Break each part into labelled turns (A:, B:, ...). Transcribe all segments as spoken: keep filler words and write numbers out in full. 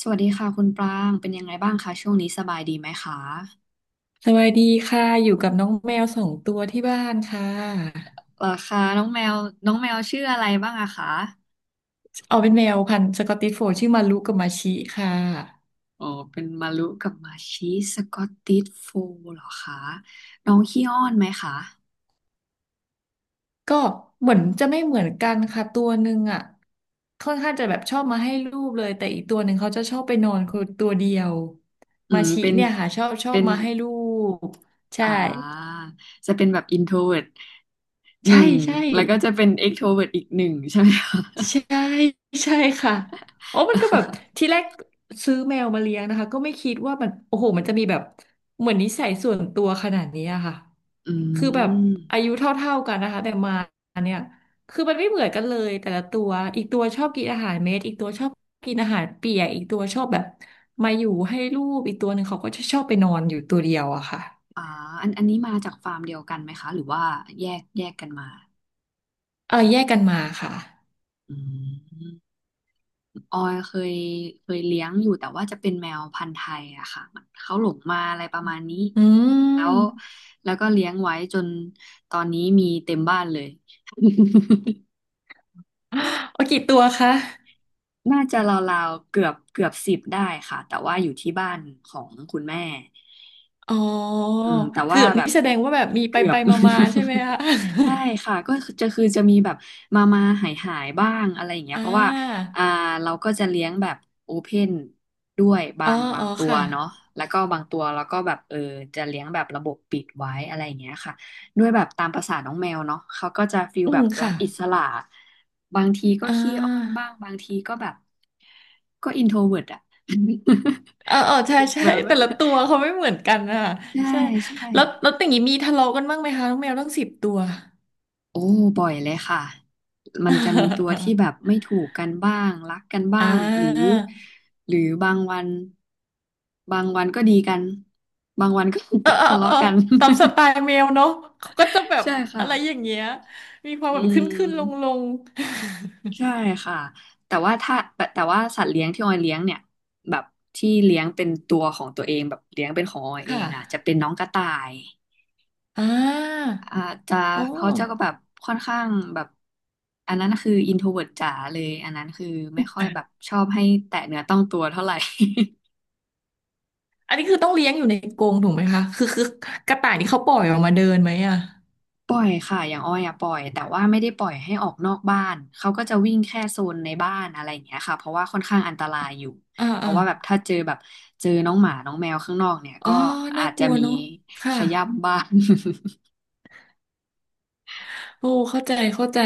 A: สวัสดีค่ะคุณปรางเป็นยังไงบ้างคะช่วงนี้สบายดีไหมคะ
B: สวัสดีค่ะอยู่กับน้องแมวสองตัวที่บ้านค่ะ
A: เหรอคะน้องแมวน้องแมวชื่ออะไรบ้างอะคะ
B: เอาเป็นแมวพันธุ์สกอตติชโฟลด์ชื่อมารุกับมาชิค่ะ
A: อ๋อเป็นมารุกับมาชิสกอตติชโฟลด์เหรอคะน้องขี้อ้อนไหมคะ
B: ก็เหมือนจะไม่เหมือนกันค่ะตัวหนึ่งอ่ะค่อนข้างจะแบบชอบมาให้รูปเลยแต่อีกตัวหนึ่งเขาจะชอบไปนอนคนตัวเดียว
A: อื
B: มา
A: ม
B: ชิ
A: เป็น
B: เนี่ยค่ะชอบชอ
A: เป็
B: บ
A: น
B: มาให้รูปใช่
A: อ่าจะเป็นแบบอินโทรเวิห
B: ใช่
A: นึ่ง
B: ใช่
A: แล้วก็จะเป็นเอ t กโทรเวอีกหนึ่งใช่ไหมคะ
B: ใช่ใช่ค่ะโอ้มันก็แบบที แรกซื้อแมวมาเลี้ยงนะคะก็ไม่คิดว่ามันโอ้โหมันจะมีแบบเหมือนนิสัยส่วนตัวขนาดนี้อะค่ะ
A: อื
B: คือแบบอา
A: ม
B: ยุเท่าๆกันนะคะแต่มาเนี่ยคือมันไม่เหมือนกันเลยแต่ละตัวอีกตัวชอบกินอาหารเม็ดอีกตัวชอบกินอาหารเปียกอีกตัวชอบแบบมาอยู่ให้ลูกอีกตัวหนึ่งเขาก็จะชอบไปนอนอยู่ตัวเดียวอะค่ะ
A: อ่าอันอันนี้มาจากฟาร์มเดียวกันไหมคะหรือว่าแยกแยกกันมา
B: เออแยกกันมาค่ะ
A: อืม ออยเคยเคยเลี้ยงอยู่แต่ว่าจะเป็นแมวพันธุ์ไทยอะค่ะมันเขาหลงมาอะไรประมาณนี้
B: อื
A: แล้ว
B: ม
A: แล้วก็เลี้ยงไว้จนตอนนี้มีเต็มบ้านเลย
B: เอากี่ตัวคะ
A: น่าจะราวๆเกือบเกือบสิบได้ค่ะแต่ว่าอยู่ที่บ้านของคุณแม่
B: อ๋อ
A: อืมแต่
B: เกื
A: ว่า
B: อบ
A: แบ
B: นี่
A: บ
B: แสดงว่าแบบมีไป
A: เกือ
B: ไป
A: บ
B: มามาๆใช่ไหมคะ
A: ใช่ค่ะ ก็คือจะคือจะมีแบบมามาหายหายบ้างอะไรอย่างเงี้ย
B: อ่
A: เพราะว่า
B: า
A: อ่าเราก็จะเลี้ยงแบบโอเพนด้วยบา
B: อ๋อ
A: งบา
B: อ๋
A: ง
B: อ
A: ตัว
B: ค่ะ
A: เนาะแล้วก็บางตัวเราก็แบบเออจะเลี้ยงแบบระบบปิดไว้อะไรอย่างเงี้ยค่ะด้วยแบบตามประสาน้องแมวเนาะเขาก็จะฟีล
B: อื
A: แบ
B: ม
A: บรั
B: ค่ะ
A: กอิสระบางทีก็
B: อ่
A: ขี้อ้อน
B: า
A: บ้างบางทีก็แบบก็อินโทรเวิร์ตอะ
B: เอ๋อเออใช่ใช่
A: แบบ
B: แต่ละตัวเขาไม่เหมือนกันอ่ะ
A: ใช่
B: ใช่
A: ใช่
B: แล้วแล้วอย่างนี้มีทะเลาะกันบ้างไหมคะน้องแมวตั้งสิบตัว
A: โอ้บ่อยเลยค่ะมันจะมีตัวที่แบบ ไม่ถูกกันบ้างรักกันบ้า
B: อ่
A: งหรือ
B: า
A: หรือบางวันบางวันก็ดีกันบางวันก็
B: เออเอ อ
A: ทะ
B: เอ
A: เลาะ
B: อ
A: กัน
B: ตามสไตล์แมวเนาะเขาก็จะแบ บ
A: ใช่ค่ะ
B: อะไรอย่างเงี้ยมีความ
A: อื
B: แบบขึ้นขึ้นลงล
A: ม
B: ง
A: ใช่ค่ะแต่ว่าถ้าแต่แต่ว่าสัตว์เลี้ยงที่ออยเลี้ยงเนี่ยแบบที่เลี้ยงเป็นตัวของตัวเองแบบเลี้ยงเป็นของออย
B: ๆ
A: เอ
B: ค่ะ
A: งอ่ะจะเป็นน้องกระต่าย
B: อ่า
A: อาจจะ
B: โอ้
A: เขาจะก็แบบค่อนข้างแบบอันนั้นคืออินโทรเวิร์ตจ๋าเลยอันนั้นคือไม่ค่อยแบบชอบให้แตะเนื้อต้องตัวเท่าไหร่
B: อันนี้คือต้องเลี้ยงอยู่ในกรงถูกไหมคะคือคือกระต่ายนี่เขาปล่อยออกมาเดินไหมอ่ะ
A: ปล่อยค่ะอย่างอ้อยอะปล่อยแต่ว่าไม่ได้ปล่อยให้ออกนอกบ้านเขาก็จะวิ่งแค่โซนในบ้านอะไรอย่างเงี้ยค่ะเพราะว่าค่อนข้างอันตรายอยู่
B: อ่า
A: เพ
B: อ่า
A: ราะว่าแบบถ้าเจอแบบเจอน้องหมาน้องแมวข้างนอกเนี่ย
B: อ๋อ
A: ก็
B: น่า
A: อาจ
B: ก
A: จะ
B: ลัว
A: มี
B: เนาะค่ะ
A: ขย้ำบ้าน
B: โอ้เข้าใจเข้าใจ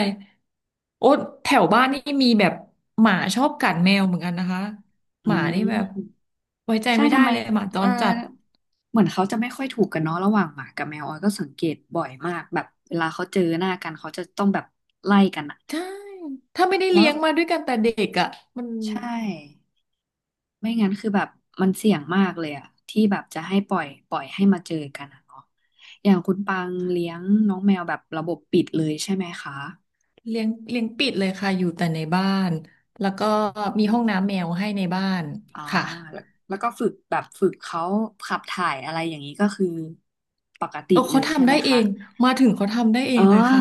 B: โอ้แถวบ้านนี่มีแบบหมาชอบกัดแมวเหมือนกันนะคะ
A: อื
B: หมานี่
A: ม
B: แบบไว้ใจ
A: ใช่
B: ไม่ได้
A: ทำไม
B: เลยหมาจ
A: เออ
B: รจัด
A: เหมือนเขาจะไม่ค่อยถูกกันเนาะระหว่างหมากับแมวออยก็สังเกตบ่อยมากแบบเวลาเขาเจอหน้ากันเขาจะต้องแบบไล่กันอะ
B: ใช่ถ้าไม่ได้
A: แล้
B: เลี้
A: ว
B: ยงมาด้วยกันแต่เด็กอ่ะมัน
A: ใช่ไม่งั้นคือแบบมันเสี่ยงมากเลยอะที่แบบจะให้ปล่อยปล่อยให้มาเจอกันอะเนาะอย่างคุณปังเลี้ยงน้องแมวแบบระบบปิดเลยใช่ไหมคะ
B: เลี้ยงเลี้ยงปิดเลยค่ะอยู่แต่ในบ้านแล้วก็มี
A: อื
B: ห้อ
A: ม
B: งน้ำแมวให้ในบ้าน
A: อ่า
B: ค่ะ
A: แล้วแล้วก็ฝึกแบบฝึกเขาขับถ่ายอะไรอย่างนี้ก็คือปกติ
B: เออ
A: เล
B: เขา
A: ยใช่
B: ทำ
A: ไห
B: ได้
A: ม
B: เอ
A: คะ
B: งมาถึงเขาทำได้เอ
A: อ๋อ
B: งเลยค่ะ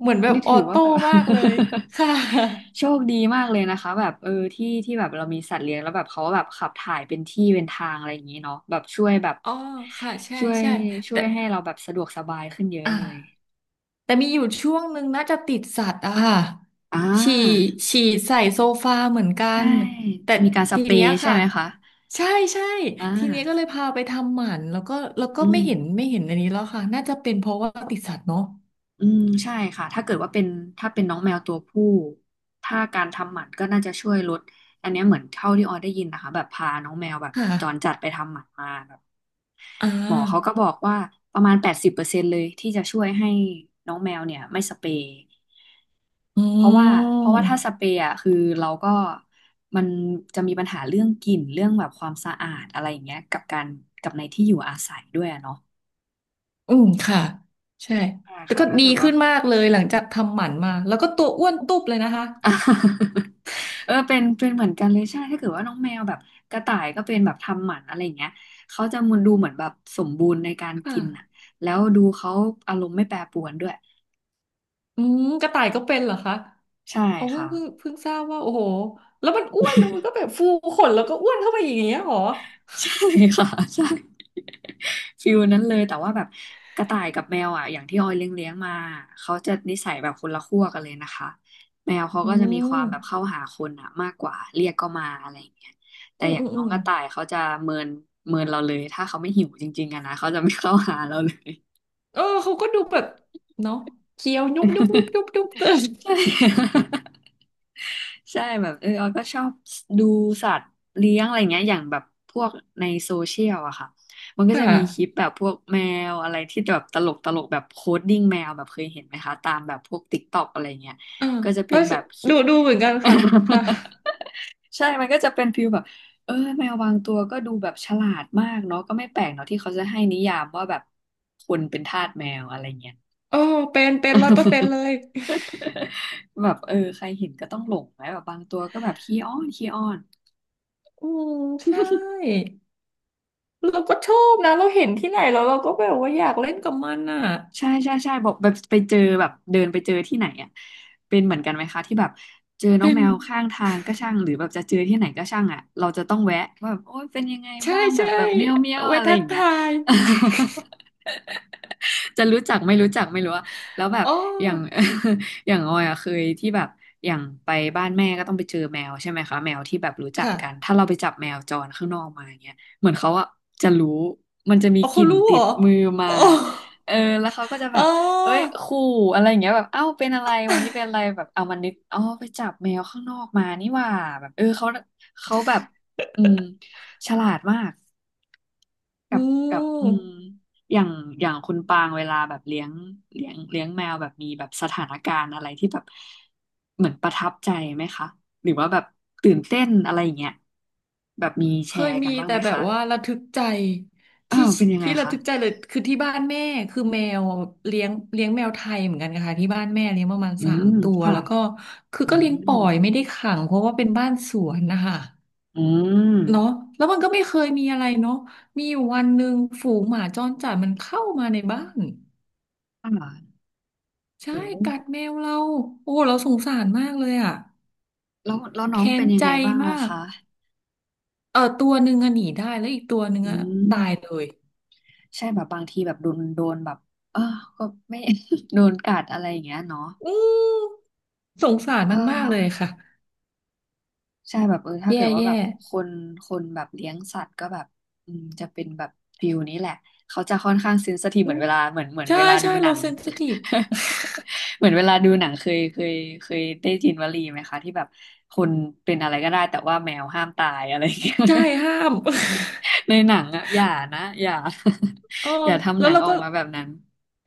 B: เหมือนแบบ
A: นี่
B: ออ
A: ถือว่า
B: โต้
A: แบบ
B: มากเลยค่ะ
A: โชคดีมากเลยนะคะแบบเออที่ที่แบบเรามีสัตว์เลี้ยงแล้วแบบเขาแบบขับถ่ายเป็นที่เป็นทางอะไรอย่างนี้เนาะแบบช่วยแบบ
B: อ๋อค่ะใช่
A: ช่วย
B: ใช่
A: ช่
B: แต่
A: วยให้เราแบบสะดวกสบายขึ้นเยอะ
B: อ่า
A: เลย
B: แต่มีอยู่ช่วงหนึ่งน่าจะติดสัตว์อะค่ะ
A: อ่
B: ฉี่
A: า
B: ฉี่ใส่โซฟาเหมือนกั
A: ใช่
B: นแต่
A: จะมีการส
B: ที
A: เปร
B: เนี้ย
A: ย์ใช่
B: ค่ะ
A: ไหมคะ
B: ใช่ใช่
A: อ่
B: ทีเนี้ยก็
A: า
B: เลยพาไปทำหมันแล้วก็แล้วก็
A: อื
B: ไม่
A: ม
B: เห็นไม่เห็นอันนี้แล้วค่ะน่าจะเป็นเพราะว่าติดสัตว์เนาะ
A: อืมใช่ค่ะถ้าเกิดว่าเป็นถ้าเป็นน้องแมวตัวผู้ถ้าการทำหมันก็น่าจะช่วยลดอันเนี้ยเหมือนเท่าที่ออยได้ยินนะคะแบบพาน้องแมวแบบ
B: ค
A: จรจั
B: ่ะ
A: ดไปทำหมันมาแบบ
B: อ่
A: หมอเขาก็
B: า
A: บอกว่าประมาณแปดสิบเปอร์เซ็นต์เลยที่จะช่วยให้น้องแมวเนี่ยไม่สเปรย์
B: อื
A: เพราะว่าเพราะว่าถ้าส
B: ม
A: เปรย์อ่ะคือเราก็มันจะมีปัญหาเรื่องกลิ่นเรื่องแบบความสะอาดอะไรอย่างเงี้ยกับการกับในที่อยู่อาศัยด้วยอะเนาะ
B: อืมค่ะใช่
A: ใช่
B: แต่
A: ค่ะ
B: ก็
A: ถ้า
B: ดี
A: เกิดว่า
B: ขึ้นมากเลยหลังจากทำหมันมาแล้วก็ตัวอ้วนตุ๊บเลยนะคะ
A: อ่ะ เออเป็นเป็นเหมือนกันเลยใช่ถ้าเกิดว่าน้องแมวแบบกระต่ายก็เป็นแบบทำหมันอะไรอย่างเงี้ยเขาจะมันดูเหมือนแบบสมบูรณ์ในการ
B: ค่ะ
A: กินอ่ะแล้วดูเขาอารมณ์ไม่แปรปรวนด้วย
B: อืมกระต่ายก็เป็นเหรอคะ
A: ใช่
B: เอาเพิ่ง
A: ค่ะ
B: เพิ่งเพิ่งทราบว่าโอ้โหแล้วมันอ้วนมันก็แบบฟูขนแล้วก็อ้วนเข้าไปอย่างเงี้ยเหรอ
A: ใช่ ค่ะใช่ฟิลนั้นเลยแต่ว่าแบบกระต่ายกับแมวอ่ะอย่างที่ออยเลี้ยงเลี้ยงมาเขาจะนิสัยแบบคนละขั้วกันเลยนะคะแมวเขา
B: อื
A: ก็จะมีค
B: ม
A: วามแบบเข้าหาคนอ่ะมากกว่าเรียกก็มาอะไรอย่างเงี้ยแต่
B: อืม
A: อย่า
B: อื
A: ง
B: ม
A: น้
B: อื
A: อง
B: ม
A: กระต่ายเขาจะเมินเมินเราเลยถ้าเขาไม่หิวจริงๆอะนะเขาจะไม่เข้าหาเราเลย
B: เออเขาก็ดูแบบเนาะเคี้ยวยุบยุบยุบยุบยุบเตือน
A: ใช่ ใช่แบบเออออยก็ชอบดูสัตว์เลี้ยงอะไรเงี้ยอย่างแบบพวกในโซเชียลอะค่ะมันก็
B: ค่
A: จะมีคลิป
B: ะ
A: แบบพวกแมวอะไรที่แบบตลกตลกแบบโคดดิ้งแมวแบบเคยเห็นไหมคะตามแบบพวกติ๊กต็อกอะไรเงี้ย
B: อ่า
A: ก็จะ
B: เอ
A: เป็
B: อ
A: นแบบคลิ
B: ดู
A: ป
B: ดูเหมือนกันค่ะค่ะ
A: ใช่มันก็จะเป็นฟิลแบบเออแมวบางตัวก็ดูแบบฉลาดมากเนาะก็ไม่แปลกเนาะที่เขาจะให้นิยามว่าแบบคนเป็นทาสแมวอะไรเงี้ย
B: โอ้เป็นเป็นร้อยเปอร์เซ็นต์เล ย
A: แบบเออใครเห็นก็ต้องหลงไหมแบบบางตัวก็แบบขี้อ้อนขี้อ้อน
B: อืมใช่ เราก็ชอบนะเราเห็นที่ไหนแล้วเราก็แบบว่าอยากเล่นกับมันอ่ะ
A: ใช่ใช่ใช่บอกแบบไปเจอแบบเดินไปเจอที่ไหนอ่ะเป็นเหมือนกันไหมคะที่แบบเจอน้อง
B: เป็น
A: แมวข้างทางก็ช่างหรือแบบจะเจอที่ไหนก็ช่างอ่ะเราจะต้องแวะว่าแบบโอ้ยเป็นยังไง
B: ใช่
A: บ้างแบ
B: ใช่
A: บแบบเมียวเมียว
B: เอาไว้
A: อะไร
B: ทั
A: อ
B: ก
A: ย่างเงี้ย
B: ทาย
A: จะรู้จักไม่รู้จักไม่รู้อะแล้วแบบ
B: อ๋อ
A: อย่าง อย่างออยอะเคยที่แบบอย่างไปบ้านแม่ก็ต้องไปเจอแมวใช่ไหมคะแมวที่แบบรู้จัก
B: ค่ะ
A: กันถ้าเราไปจับแมวจรข้างนอกมาอย่างเงี้ยเหมือนเขาอะจะรู้มันจะมี
B: เอา
A: ก
B: เขา
A: ลิ่น
B: รู้
A: ติ
B: เหร
A: ด
B: อ
A: มือมา
B: อ๋อ
A: เออแล้วเขาก็จะแบ
B: อ๋อ
A: บเอ้ยขู่อะไรอย่างเงี้ยแบบเอ้าเป็นอะไรวันนี้เป็นอะไรแบบเอามันนึกอ๋อไปจับแมวข้างนอกมานี่หว่าแบบเออเขาเขาแบบอืมฉลาดมาก กั
B: อื
A: บกับอืม
B: ม
A: อย่างอย่างคุณปางเวลาแบบเลี้ยงเลี้ยงเลี้ยงแมวแบบมีแบบสถานการณ์อะไรที่แบบเหมือนประทับใจไหมคะหรือว่าแบบตื่นเต้นอะไรอย่างเงี้ยแบบมี
B: เค
A: แช
B: ย
A: ร์กั
B: มี
A: นบ้าง
B: แต่
A: ไหม
B: แบบ
A: คะ
B: ว่าระทึกใจ
A: อ้า
B: ที่
A: วเป็นยังไง
B: ที่ระ
A: คะ
B: ทึกใจเลยคือที่บ้านแม่คือแมวเลี้ยงเลี้ยงแมวไทยเหมือนกันนะคะที่บ้านแม่เลี้ยงประมาณ
A: อื
B: สาม
A: ม
B: ตัว
A: ค่ะ
B: แล้วก็คือ
A: อื
B: ก็เลี้ยงป
A: ม
B: ล่อยไม่ได้ขังเพราะว่าเป็นบ้านสวนนะคะ
A: อืม
B: เนาะแล้วมันก็ไม่เคยมีอะไรเนาะมีอยู่วันหนึ่งฝูงหมาจรจัดมันเข้ามาในบ้าน
A: ค่ะ
B: ใช่
A: โอ้
B: กัดแมวเราโอ้เราสงสารมากเลยอ่ะ
A: แล้วแล้วน้อง
B: แค้
A: เป็
B: น
A: นยั
B: ใจ
A: งไงบ้าง
B: มา
A: อะ
B: ก
A: คะ
B: เออตัวหนึ่งอะหนีได้แล้วอีกตัวหนึ่ง
A: อื
B: อะตายเล
A: ม
B: ย
A: ใช่แบบบางทีแบบโดนโดนแบบเออก็ไม่ โดนกัดอะไรอย่างเงี้ยเนาะ
B: อืมสงสาร
A: เอ
B: มันมากเลยค่ะ
A: อ ใช่แบบเออถ้า
B: แย่
A: เกิดว่า
B: แย่
A: แบบคนคนแบบเลี้ยงสัตว์ก็แบบอืมจะเป็นแบบฟิลนี้แหละเขาจะค่อนข้างเซนซิทีฟ
B: อื
A: เหมือ
B: ม
A: นเวลาเหมือนเหมือน
B: ใช่
A: เวลาดู
B: ใช่
A: หนั
B: เรา
A: ง
B: เซนซิทีฟ
A: เหมือนเวลาดูหนังเคยเคยเคยได้ยินวลีไหมคะที่แบบคนเป็นอะไรก็ได้แต่ว่าแมวห้ามตายอะไรอย่างเงี้ย
B: ใช่ ห้าม
A: ในหนังอะอย่านะอย่า
B: เออ
A: อย่าทำ
B: แล้
A: ห
B: ว
A: นัง
B: เรา
A: ออ
B: ก็
A: กมาแบบนั้น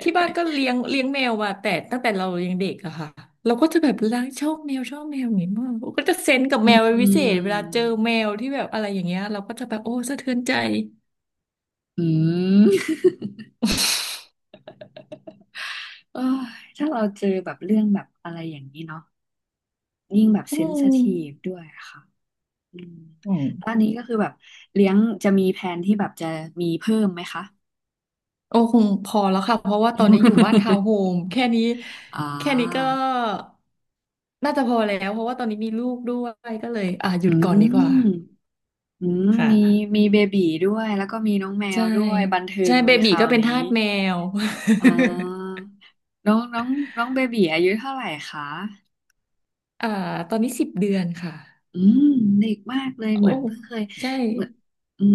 B: ที่บ้านก็เลี้ยงเลี้ยงแมวมาแต่ตั้งแต่เรายังเด็กอะค่ะเราก็จะแบบรักชอบแมวชอบแมวอย่างนี้มากก็จะเซนส์กับ
A: อื
B: แมวเป็นพิเศษเวลา
A: ม
B: เจอแมวที่แบบอะไรอย่างเงี้ยเราก็จะแบบโอ้สะเทือนใจ
A: อืม โอ้ยถ้าเราเจอแบบเรื่องแบบอะไรอย่างนี้เนาะ ยิ่งแบบ
B: อื
A: เซน i ทีฟ
B: ม
A: ด้วยค่ะอืม
B: อืม
A: ตอนนี้ก็คือแบบเลี้ยงจะมีแผนที่แบบจะมีเพิ่มไหมคะ
B: โอ้คงพอแล้วค่ะเพราะว่าตอนนี้อยู่บ้านทาว น์โฮมแค่นี้
A: อ่า
B: แค่นี้ก็น่าจะพอแล้วเพราะว่าตอนนี้มีลูกด้วยก็เลยอ่ะหยุ
A: อื
B: ดก่อนดีก
A: ม
B: ว่า
A: อืม
B: ค
A: มี
B: ่ะ
A: มีเบบีด้วยแล้วก็มีน้องแม
B: ใช่
A: วด้วยบันเทิ
B: ใช่
A: ง
B: เบ
A: เลยค
B: บี
A: รา
B: ก็
A: ว
B: เป็น
A: นี้
B: ทาสแมว
A: อ่าน้องน้องน้องเบบีอายุเท่าไหร่คะ
B: อ่าตอนนี้สิบเดือนค่ะ
A: อืมเด็กมากเลย
B: โอ้
A: เหมือนเพิ่งเคย
B: ใช่
A: เหมือน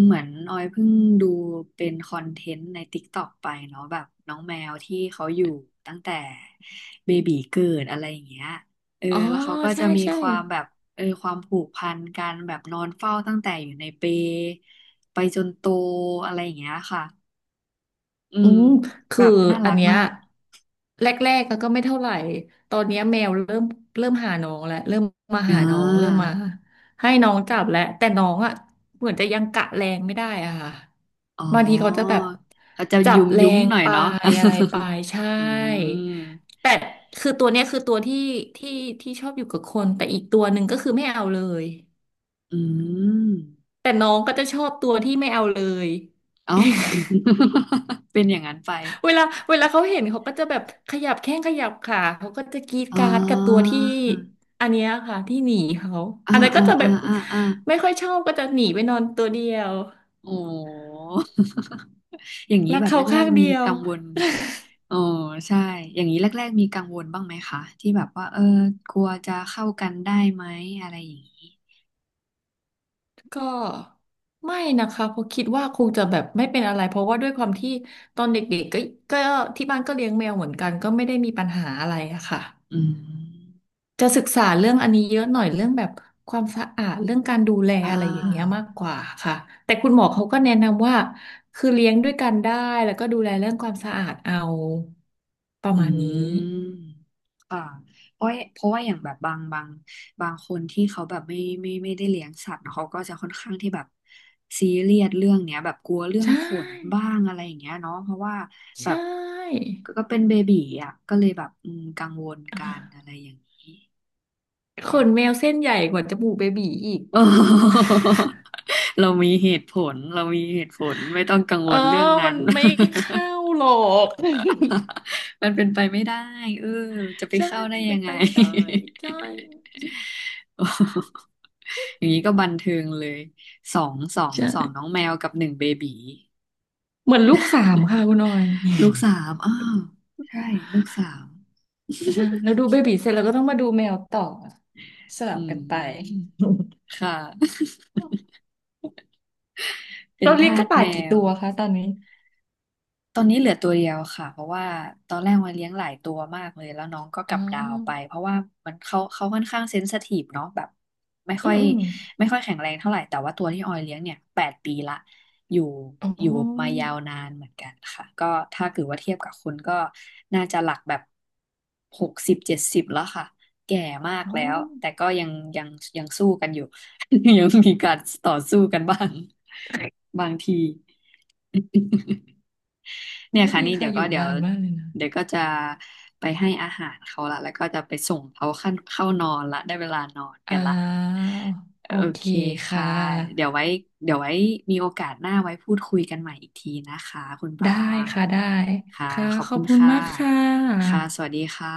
A: เหมือนออยเพิ่งดูเป็นคอนเทนต์ใน t i k t o กไปเนาะแบบน้องแมวที่เขาอยู่ตั้งแต่เบบีเกิดอะไรอย่างเงี้ยเออ
B: อ๋อ
A: แล้วเขาก็
B: ใช่
A: จะมี
B: ใช่
A: ความแบบเออความผูกพันกันแบบนอนเฝ้าตั้งแต่อยู่ในเปลไปจนโตอะไรอย่างเงี้ยค่ะอื
B: อื
A: ม
B: ม
A: แบ
B: คือ
A: บน่า
B: อั
A: รั
B: น
A: ก
B: เนี้ย
A: มาก
B: แรกๆก็ไม่เท่าไหร่ตอนเนี้ยแมวเริ่มเริ่มหาน้องแล้วเริ่มมา
A: อ่
B: หาน้องเริ่ม
A: า
B: มาให้น้องจับแล้วแต่น้องอ่ะเหมือนจะยังกะแรงไม่ได้อะค่ะ
A: อ๋อ
B: บางทีเขาจะแบบ
A: เขาจะ
B: จับ
A: ยุ้ม
B: แร
A: ยุ้ม
B: ง
A: หน่อย
B: ไป
A: เนาะ
B: อะไรไปใช่
A: อืม
B: แต่คือตัวเนี้ยคือตัวที่ที่ที่ชอบอยู่กับคนแต่อีกตัวหนึ่งก็คือไม่เอาเลย
A: อืม
B: แต่น้องก็จะชอบตัวที่ไม่เอาเลย
A: อ๋อ เป็นอย่างนั้นไป
B: เวลา เวลาเขาเห็นเขาก็จะแบบขยับแข้งขยับขาเขาก็จะกรี๊ด
A: อ่
B: กราร์ดกับตัว
A: า
B: ที่อันเนี้ยค่ะที่หนีเขาอั
A: อ่า
B: นนั้นก็
A: อ่า
B: จะแบ
A: อ่า
B: บ
A: อ่าอ่า
B: ไม่ค่อยชอบก็จะหนีไปนอนตัวเดียว
A: โอ้ อย่างนี้
B: รัก
A: แบบ
B: เขา
A: แร
B: ข้า
A: ก
B: ง
A: ๆมี
B: เดียว
A: กังวลโอ้ใช่อย่างนี้แรกๆมีกังวลบ้างไหมคะที่แบบว่าเออกลัวจะเข้ากันได้ไหมอะไรอย่างนี้
B: ก็ไม่นะคะเพราะคิดว่าคงจะแบบไม่เป็นอะไรเพราะว่าด้วยความที่ตอนเด็กๆก็ก็ที่บ้านก็เลี้ยงแมวเหมือนกันก็ไม่ได้มีปัญหาอะไรอะค่ะ
A: อืม
B: จะศึกษาเรื่องอันนี้เยอะหน่อยเรื่องแบบความสะอาดเรื่องการดูแล
A: อ่
B: อะไรอย่างเงี้ยมาก
A: า
B: กว่าค่ะแต่คุณหมอเขาก็แนะนำว่าคือเลี้ยงด้วยกันได้แล้วก็ดูแลเรื่องความสะอาดเอาประ
A: อื
B: มาณนี้
A: มค่ะเพราะเพราะว่าอย่างแบบบางบางบางคนที่เขาแบบไม่ไม่ไม่ได้เลี้ยงสัตว์เขาก็จะค่อนข้างที่แบบซีเรียสเรื่องเนี้ยแบบกลัวเรื่อ
B: ใช
A: งขน
B: ่
A: บ้างอะไรอย่างเงี้ยเนาะเพราะว่า
B: ใช
A: แบบ
B: ่
A: ก็ก็เป็นเบบีอ่ะก็เลยแบบอืมกังวล
B: อ่
A: กันอะ
B: ะ
A: ไรอย่างนี้
B: ข
A: ค่ะ
B: นแมว เส้นใหญ่กว่าจมูกเบบีอีก
A: โอ้ เรามีเหตุผลเรามีเหตุผลไม่ต้องกังว
B: เออ
A: ลเรื่อง
B: มั
A: นั้
B: น
A: น
B: ไม่เข ้าหรอก
A: มันเป็นไปไม่ได้เออจะไป
B: ใช่
A: เข้า
B: มัน
A: ได้ยั
B: เป็น
A: งไง
B: ไปไม่ได้ใช่
A: อย่างนี้ก็บันเทิงเลยสองสองสอง
B: ใช่
A: น้องแมวกับหนึ่งเบบี
B: เหมือนลูกสามค่ะคุณออย
A: ลูกสามอ้าวใช่ลูกสาม
B: ใช่แล้วดูเบบีเสร็จแล้วก็ต้องมาดูแมวต่อสลั
A: อื
B: บกันไป
A: มค่ะ เป็น
B: เราเลี้ยง
A: ทา
B: ก
A: ส
B: ระต่า
A: แม
B: ยกี่
A: ว
B: ตัวคะตอนนี้
A: ตอนนี้เหลือตัวเดียวค่ะเพราะว่าตอนแรกมันเลี้ยงหลายตัวมากเลยแล้วน้องก็ก
B: อ๋
A: ลับดาวไป
B: อ
A: เพราะว่ามันเขาเขาค่อนข้างเซนซิทีฟเนาะแบบไม่
B: อื
A: ค่อ
B: ม
A: ย
B: อืม
A: ไม่ค่อยแข็งแรงเท่าไหร่แต่ว่าตัวที่ออยเลี้ยงเนี่ยแปดปีละอยู่
B: อ๋
A: อยู่มา
B: อ
A: ยาวนานเหมือนกันค่ะก็ถ้าเกิดว่าเทียบกับคนก็น่าจะหลักแบบหกสิบเจ็ดสิบแล้วค่ะแก่มาก
B: อ๋อ
A: แล้วแต่ก็ยังยังยังสู้กันอยู่ ยังมีการต่อสู้กันบ้างบางที
B: โอ้
A: เนี่ยค่ะ
B: ดี
A: นี่
B: ค่ะ
A: เดี๋ยว
B: อ
A: ก็
B: ยู่
A: เดี๋ยว
B: นานมากเลยนะ
A: เดี๋ยวก็จะไปให้อาหารเขาละแล้วก็จะไปส่งเขาขั้นเข้านอนละได้เวลานอน
B: อ่
A: กันละ
B: า
A: โอ
B: โอเค
A: เค
B: ค่
A: ค่ะเดี๋ย
B: ะ
A: วไว้เดี๋ยวไว้มีโอกาสหน้าไว้พูดคุยกันใหม่อีกทีนะคะคุณปรา
B: ได้
A: ง
B: ค่ะได้
A: ค่ะ
B: ค่ะ
A: ขอบ
B: ขอ
A: คุ
B: บ
A: ณ
B: คุณ
A: ค่ะ
B: มากค่
A: ค่ะ
B: ะ
A: สวัสดีค่ะ